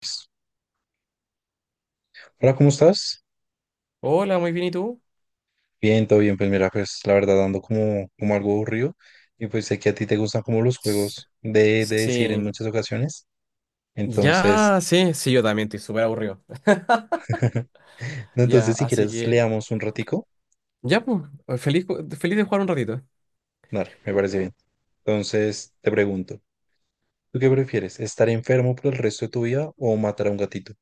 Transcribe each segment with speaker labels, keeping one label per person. Speaker 1: Pues, hola, ¿cómo estás?
Speaker 2: Hola, muy bien, ¿y tú?
Speaker 1: Bien, todo bien. Pues mira, pues la verdad ando como algo aburrido y pues sé que a ti te gustan como los
Speaker 2: S-
Speaker 1: juegos de decir en
Speaker 2: Sí,
Speaker 1: muchas ocasiones. Entonces,
Speaker 2: ya, sí, sí, yo también estoy súper aburrido.
Speaker 1: no,
Speaker 2: Ya,
Speaker 1: entonces si
Speaker 2: así
Speaker 1: quieres
Speaker 2: que,
Speaker 1: leamos un ratico.
Speaker 2: ya, pues, feliz, feliz de jugar un ratito.
Speaker 1: Dale, me parece bien. Entonces te pregunto, ¿tú qué prefieres? ¿Estar enfermo por el resto de tu vida o matar a un gatito?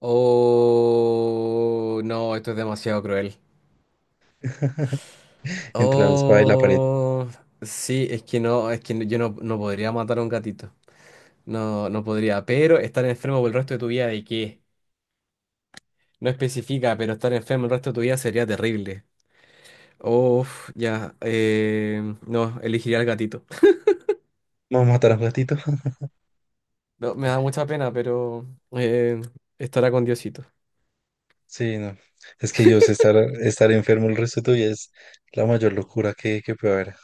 Speaker 2: Oh, no, esto es demasiado cruel.
Speaker 1: Entre la espada y la pared.
Speaker 2: Oh, sí, es que no, es que yo no, no podría matar a un gatito. No, no podría, pero estar enfermo por el resto de tu vida, ¿de qué? No especifica, pero estar enfermo el resto de tu vida sería terrible. Uf, ya, no, elegiría al gatito.
Speaker 1: ¿No matar a un gatito?
Speaker 2: No, me da mucha pena, pero eh, estará con Diosito.
Speaker 1: Sí, no. Es que yo sé estar enfermo el resto de tu vida es la mayor locura que puede haber.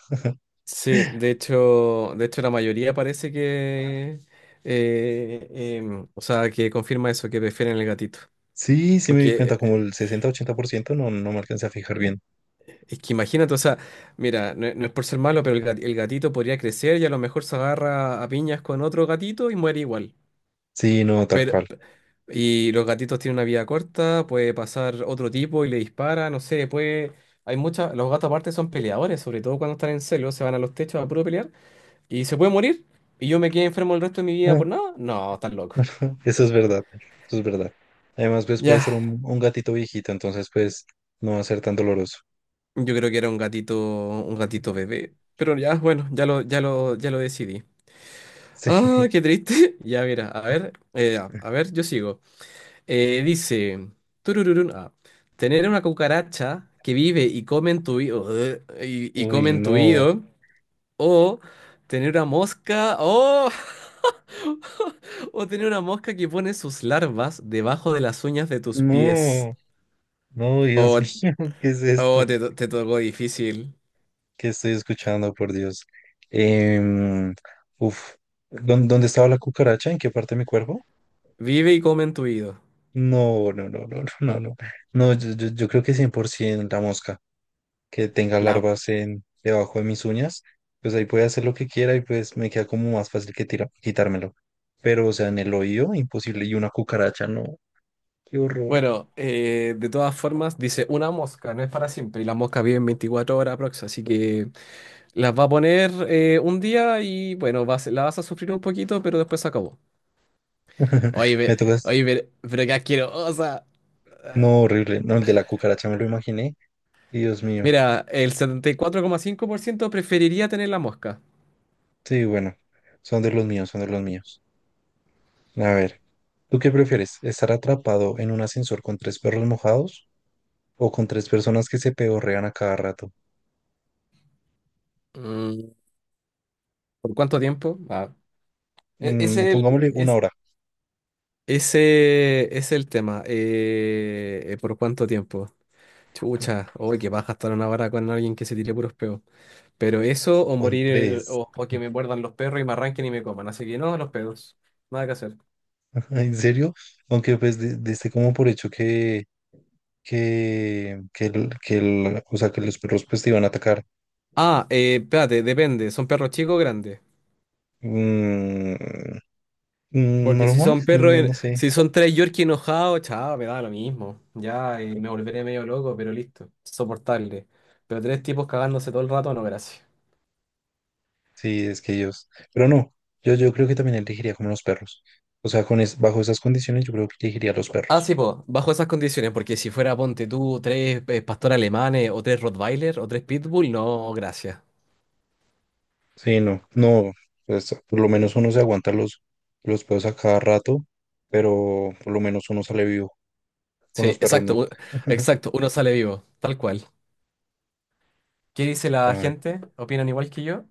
Speaker 2: Sí, de hecho la mayoría parece que, eh, o sea, que confirma eso, que prefieren el gatito.
Speaker 1: Sí, sí me di cuenta,
Speaker 2: Porque
Speaker 1: como el 60, 80%, no, no me alcancé a fijar bien.
Speaker 2: es que imagínate, o sea, mira, no, no es por ser malo, pero el, el gatito podría crecer y a lo mejor se agarra a piñas con otro gatito y muere igual.
Speaker 1: Sí, no, tal
Speaker 2: Pero,
Speaker 1: cual.
Speaker 2: y los gatitos tienen una vida corta, puede pasar otro tipo y le dispara, no sé, puede... Hay muchas... Los gatos aparte son peleadores, sobre todo cuando están en celo, se van a los techos a puro pelear y se puede morir y yo me quedé enfermo el resto de mi vida
Speaker 1: Ah,
Speaker 2: por nada. No, estás loco.
Speaker 1: eso es verdad, eso es verdad. Además, pues puede
Speaker 2: Ya,
Speaker 1: ser un gatito viejito, entonces pues no va a ser tan doloroso.
Speaker 2: yo creo que era un gatito bebé, pero ya, bueno, ya lo, ya lo, ya lo decidí.
Speaker 1: Sí,
Speaker 2: Ah, qué triste. Ya, mira, a ver, yo sigo. Dice, turururun, ah, tener una cucaracha que vive y come en tu oído, y
Speaker 1: uy,
Speaker 2: come en tu
Speaker 1: no,
Speaker 2: oído, o tener una mosca, oh, o tener una mosca que pone sus larvas debajo de las uñas de tus pies.
Speaker 1: no, no, Dios
Speaker 2: Oh,
Speaker 1: mío, ¿qué es
Speaker 2: oh,
Speaker 1: esto?
Speaker 2: te, te tocó difícil.
Speaker 1: ¿Qué estoy escuchando, por Dios? Em, Uf, ¿dónde estaba la cucaracha? ¿En qué parte de mi cuerpo?
Speaker 2: Vive y come en tu oído.
Speaker 1: No, no, no, no, no, no, no, no, yo creo que 100% la mosca. Que tenga
Speaker 2: La,
Speaker 1: larvas debajo de mis uñas, pues ahí puede hacer lo que quiera y pues me queda como más fácil que quitármelo. Pero, o sea, en el oído, imposible. Y una cucaracha, no. Qué horror.
Speaker 2: bueno, de todas formas, dice una mosca, no es para siempre, y las moscas viven 24 horas aprox, así que... Las va a poner un día y bueno, vas, la vas a sufrir un poquito, pero después se acabó. Oye, ve-
Speaker 1: Me tocas.
Speaker 2: oye, pero qué asquerosa.
Speaker 1: No, horrible. No, el de la cucaracha me lo imaginé. Y Dios mío.
Speaker 2: Mira, el 74,5% preferiría tener la mosca.
Speaker 1: Sí, bueno. Son de los míos, son de los míos. A ver, ¿tú qué prefieres? ¿Estar atrapado en un ascensor con tres perros mojados o con tres personas que se pedorrean a cada rato?
Speaker 2: Mm, ¿por cuánto tiempo? Ah, e- es el,
Speaker 1: Pongámosle una
Speaker 2: es-
Speaker 1: hora.
Speaker 2: ese es el tema. ¿Por cuánto tiempo? Chucha, oye, que vas a estar 1 hora con alguien que se tire puros peos. Pero eso, o
Speaker 1: Con
Speaker 2: morir,
Speaker 1: tres.
Speaker 2: o que me muerdan los perros y me arranquen y me coman. Así que no, los pedos. Nada que hacer.
Speaker 1: ¿En serio? Aunque pues diste como por hecho que, o sea, que los perros pues te iban a atacar.
Speaker 2: Ah, espérate, depende. ¿Son perros chicos o grandes?
Speaker 1: Mm,
Speaker 2: Porque si
Speaker 1: Normal,
Speaker 2: son perros,
Speaker 1: no sé.
Speaker 2: si son tres Yorkie enojados, chao, me da lo mismo. Ya, me volveré medio loco, pero listo, soportable. Pero tres tipos cagándose todo el rato, no, gracias.
Speaker 1: Sí, es que ellos. Pero no, yo creo que también elegiría como los perros. O sea, con bajo esas condiciones yo creo que elegiría los
Speaker 2: Ah,
Speaker 1: perros.
Speaker 2: sí, pues, bajo esas condiciones, porque si fuera, ponte tú, tres pastores alemanes, o tres Rottweiler, o tres Pitbull, no, gracias.
Speaker 1: Sí, no, no, pues por lo menos uno se aguanta los pedos a cada rato, pero por lo menos uno sale vivo. Con
Speaker 2: Sí,
Speaker 1: los perros
Speaker 2: exacto,
Speaker 1: no.
Speaker 2: exacto, uno sale vivo, tal cual. ¿Qué dice
Speaker 1: A
Speaker 2: la
Speaker 1: ver,
Speaker 2: gente? ¿Opinan igual que yo?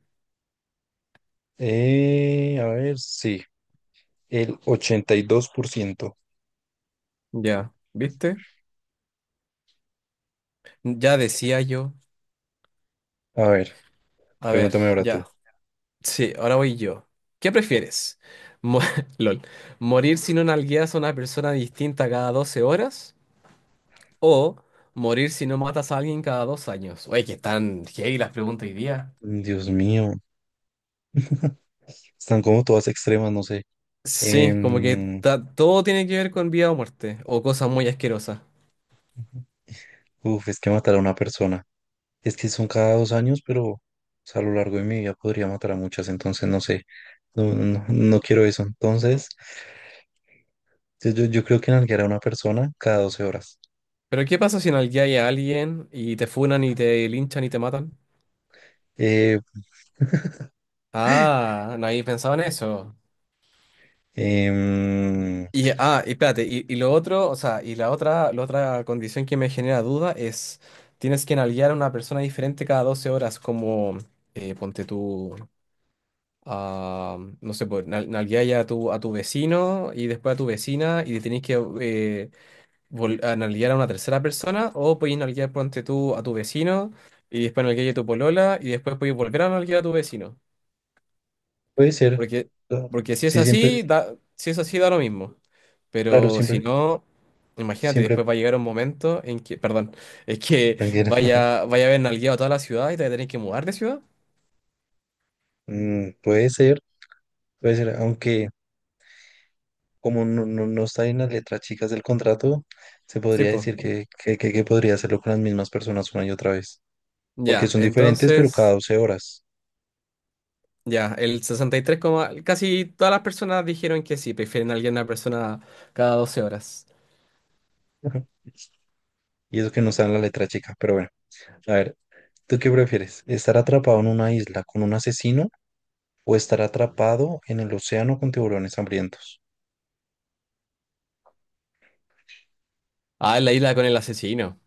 Speaker 1: a ver, sí. El 82%.
Speaker 2: Ya, ¿viste? Ya decía yo.
Speaker 1: A ver,
Speaker 2: A ver,
Speaker 1: pregúntame ahora tú.
Speaker 2: ya. Sí, ahora voy yo. ¿Qué prefieres? Mo- LOL. ¿Morir si no nalgueas a una persona distinta cada 12 horas? ¿O morir si no matas a alguien cada 2 años? Oye, que están heavy las preguntas hoy día.
Speaker 1: Dios mío. Están como todas extremas, no sé.
Speaker 2: Sí, como que
Speaker 1: Em,
Speaker 2: todo tiene que ver con vida o muerte, o cosas muy asquerosas.
Speaker 1: Uf, es que matar a una persona. Es que son cada 2 años, pero o sea, a lo largo de mi vida podría matar a muchas, entonces no sé. No, no, no quiero eso. Entonces, yo creo que nalguear a una persona cada 12 horas.
Speaker 2: Pero ¿qué pasa si nalgueas a alguien y te funan y te linchan y te matan?
Speaker 1: Eh,
Speaker 2: Ah, nadie pensaba en eso.
Speaker 1: em,
Speaker 2: Y, ah, y espérate, y lo otro, o sea, y la otra condición que me genera duda es, tienes que nalguear a una persona diferente cada 12 horas, como, ponte tú, a, no sé, pues, nalguear ya a tu vecino y después a tu vecina y tenés que eh, a nalguear a una tercera persona, o podés nalguear, ponte tú, a tu vecino y después nalguear a tu polola y después podés volver a nalguear a tu vecino.
Speaker 1: Puede ser.
Speaker 2: Porque, porque si es
Speaker 1: Sí, siempre,
Speaker 2: así, da, si es así, da lo mismo.
Speaker 1: claro,
Speaker 2: Pero si
Speaker 1: siempre,
Speaker 2: no, imagínate,
Speaker 1: siempre
Speaker 2: después va a llegar un momento en que, perdón, es que
Speaker 1: tranquilo.
Speaker 2: vaya, vaya a haber nalgueado toda la ciudad y te vas a tener que mudar de ciudad.
Speaker 1: Puede ser, puede ser, aunque como no, no, no está en las letras chicas del contrato, se
Speaker 2: Sí,
Speaker 1: podría
Speaker 2: pues.
Speaker 1: decir que podría hacerlo con las mismas personas una y otra vez, porque
Speaker 2: Ya,
Speaker 1: son diferentes, pero cada
Speaker 2: entonces,
Speaker 1: 12 horas.
Speaker 2: ya, el 63, casi todas las personas dijeron que sí, prefieren a alguien a una persona cada 12 horas.
Speaker 1: Ujú. Y eso que no está en la letra chica, pero bueno, a ver, ¿tú qué prefieres? ¿Estar atrapado en una isla con un asesino o estar atrapado en el océano con tiburones hambrientos?
Speaker 2: Ah, en la isla con el asesino.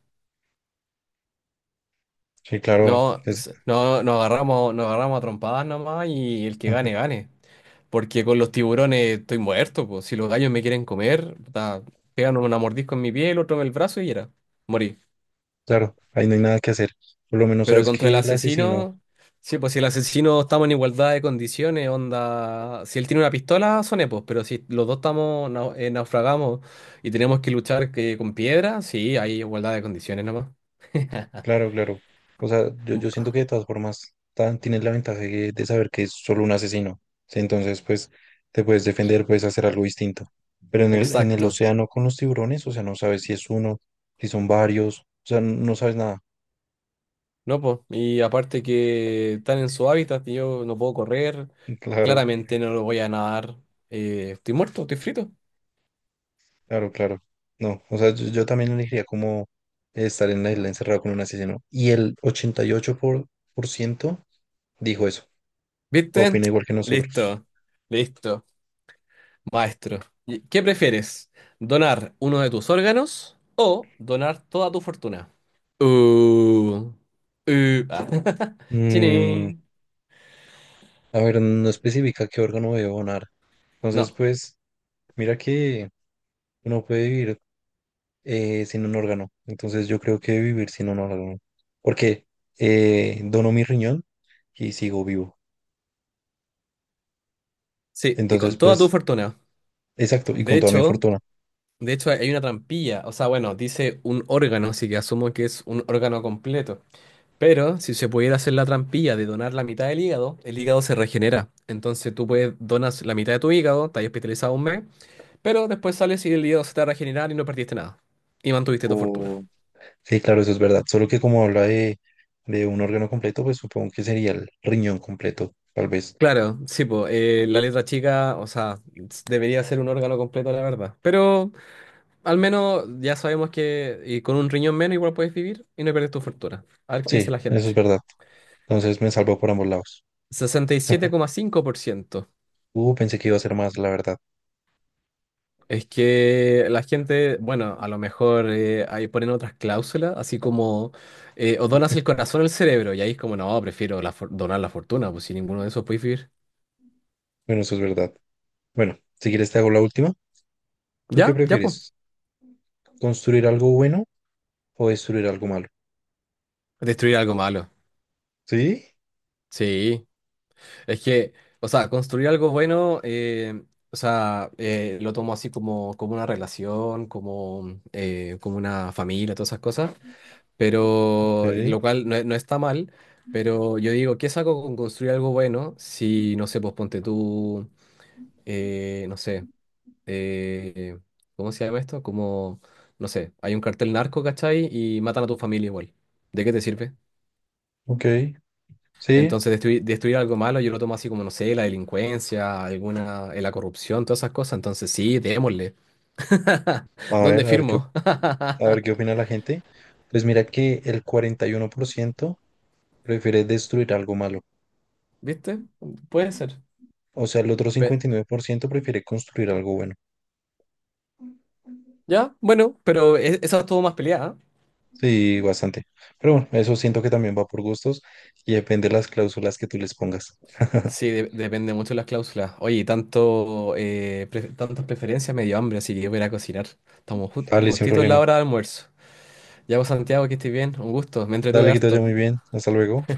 Speaker 1: Sí, claro,
Speaker 2: No, no, nos agarramos a trompadas nomás y el que gane, gane. Porque con los tiburones estoy muerto, pues. Si los gallos me quieren comer, puta, pegan una mordisco en mi piel, otro en el brazo y era. Morí.
Speaker 1: claro, ahí no hay nada que hacer. Por lo menos
Speaker 2: Pero
Speaker 1: sabes
Speaker 2: contra el
Speaker 1: que el asesino.
Speaker 2: asesino, sí, pues si el asesino estamos en igualdad de condiciones, onda. Si él tiene una pistola, son epos, pero si los dos estamos, naufragamos y tenemos que luchar que, con piedra, sí, hay igualdad de condiciones nomás.
Speaker 1: Claro, claro. O sea, yo siento que de todas formas tienes la ventaja de saber que es solo un asesino. Sí. Entonces, pues, te puedes defender, puedes hacer algo distinto. Pero en el
Speaker 2: Exacto.
Speaker 1: océano con los tiburones, o sea, no sabes si es uno, si son varios, o sea, no sabes nada.
Speaker 2: No, pues. Y aparte que están en su hábitat y yo no puedo correr,
Speaker 1: Claro,
Speaker 2: claramente no lo voy a nadar. Estoy muerto, estoy frito.
Speaker 1: claro, claro. No, o sea, yo también elegiría como estar en la isla encerrado con un asesino. Y el 88% por ciento dijo eso.
Speaker 2: ¿Viste?
Speaker 1: Opina igual que nosotros.
Speaker 2: Listo, listo, maestro. ¿Y ¿qué prefieres? ¿Donar uno de tus órganos o donar toda tu fortuna? Uh, ah.
Speaker 1: Mm,
Speaker 2: Chini.
Speaker 1: A ver, no especifica qué órgano debe donar. Entonces,
Speaker 2: No,
Speaker 1: pues, mira que uno puede vivir sin un órgano. Entonces, yo creo que vivir sin un órgano. Porque dono mi riñón y sigo vivo.
Speaker 2: sí, y
Speaker 1: Entonces,
Speaker 2: con toda tu
Speaker 1: pues,
Speaker 2: fortuna.
Speaker 1: exacto, y
Speaker 2: De
Speaker 1: con toda mi
Speaker 2: hecho,
Speaker 1: fortuna.
Speaker 2: de hecho hay una trampilla, o sea, bueno, dice un órgano, así que asumo que es un órgano completo. Pero si se pudiera hacer la trampilla de donar la mitad del hígado, el hígado se regenera. Entonces tú puedes donas la mitad de tu hígado, estás hospitalizado un mes. Pero después sales y el hígado se te va a regenerar y no perdiste nada. Y mantuviste tu fortuna.
Speaker 1: O Sí, claro, eso es verdad. Solo que como habla de un órgano completo, pues supongo que sería el riñón completo, tal vez.
Speaker 2: Claro, sí, pues la letra chica, o sea, debería ser un órgano completo, la verdad. Pero al menos ya sabemos que y con un riñón menos igual puedes vivir y no pierdes tu fortuna. A ver qué dice
Speaker 1: Sí,
Speaker 2: la
Speaker 1: eso
Speaker 2: gente.
Speaker 1: es verdad. Entonces, me salvo por ambos lados.
Speaker 2: 67,5%.
Speaker 1: Pensé que iba a ser más, la verdad.
Speaker 2: Es que la gente, bueno, a lo mejor ahí ponen otras cláusulas, así como o donas el corazón o el cerebro, y ahí es como, no, prefiero la donar la fortuna, pues sin ninguno de esos puedes vivir.
Speaker 1: Bueno, eso es verdad. Bueno, si quieres te hago la última. ¿Tú qué
Speaker 2: Ya, ya, pues.
Speaker 1: prefieres? ¿Construir algo bueno o destruir algo malo?
Speaker 2: Destruir algo malo.
Speaker 1: Sí,
Speaker 2: Sí. Es que, o sea, construir algo bueno, o sea, lo tomo así como, como una relación, como, como una familia, todas esas cosas. Pero,
Speaker 1: ok,
Speaker 2: lo cual no, no está mal. Pero yo digo, ¿qué saco con construir algo bueno si, no sé, pues ponte tú, no sé, eh, ¿cómo se llama esto? Como, no sé, hay un cartel narco, ¿cachai? Y matan a tu familia igual. ¿De qué te sirve?
Speaker 1: ok, sí.
Speaker 2: Entonces, destruir, destruir algo malo, yo lo tomo así como, no sé, la delincuencia, alguna, la corrupción, todas esas cosas. Entonces, sí, démosle.
Speaker 1: A ver,
Speaker 2: ¿Dónde firmo?
Speaker 1: a ver qué opina la gente. Pues mira que el 41% prefiere destruir algo malo.
Speaker 2: ¿Viste? Puede ser.
Speaker 1: O sea, el otro
Speaker 2: Pe-
Speaker 1: 59% prefiere construir algo bueno.
Speaker 2: ya, bueno, pero esa estuvo más peleada. ¿Eh?
Speaker 1: Sí, bastante. Pero bueno, eso siento que también va por gustos y depende de las cláusulas que tú les pongas.
Speaker 2: Sí, depende mucho de las cláusulas. Oye, y tanto, tantas preferencias me dio hambre, así que yo voy a ir a cocinar. Estamos
Speaker 1: Dale, sin
Speaker 2: justito en la
Speaker 1: problema.
Speaker 2: hora de almuerzo. Ya, pues, Santiago, que estés bien. Un gusto. Me entretuve
Speaker 1: Dale, que te vaya
Speaker 2: harto.
Speaker 1: muy bien. Hasta luego.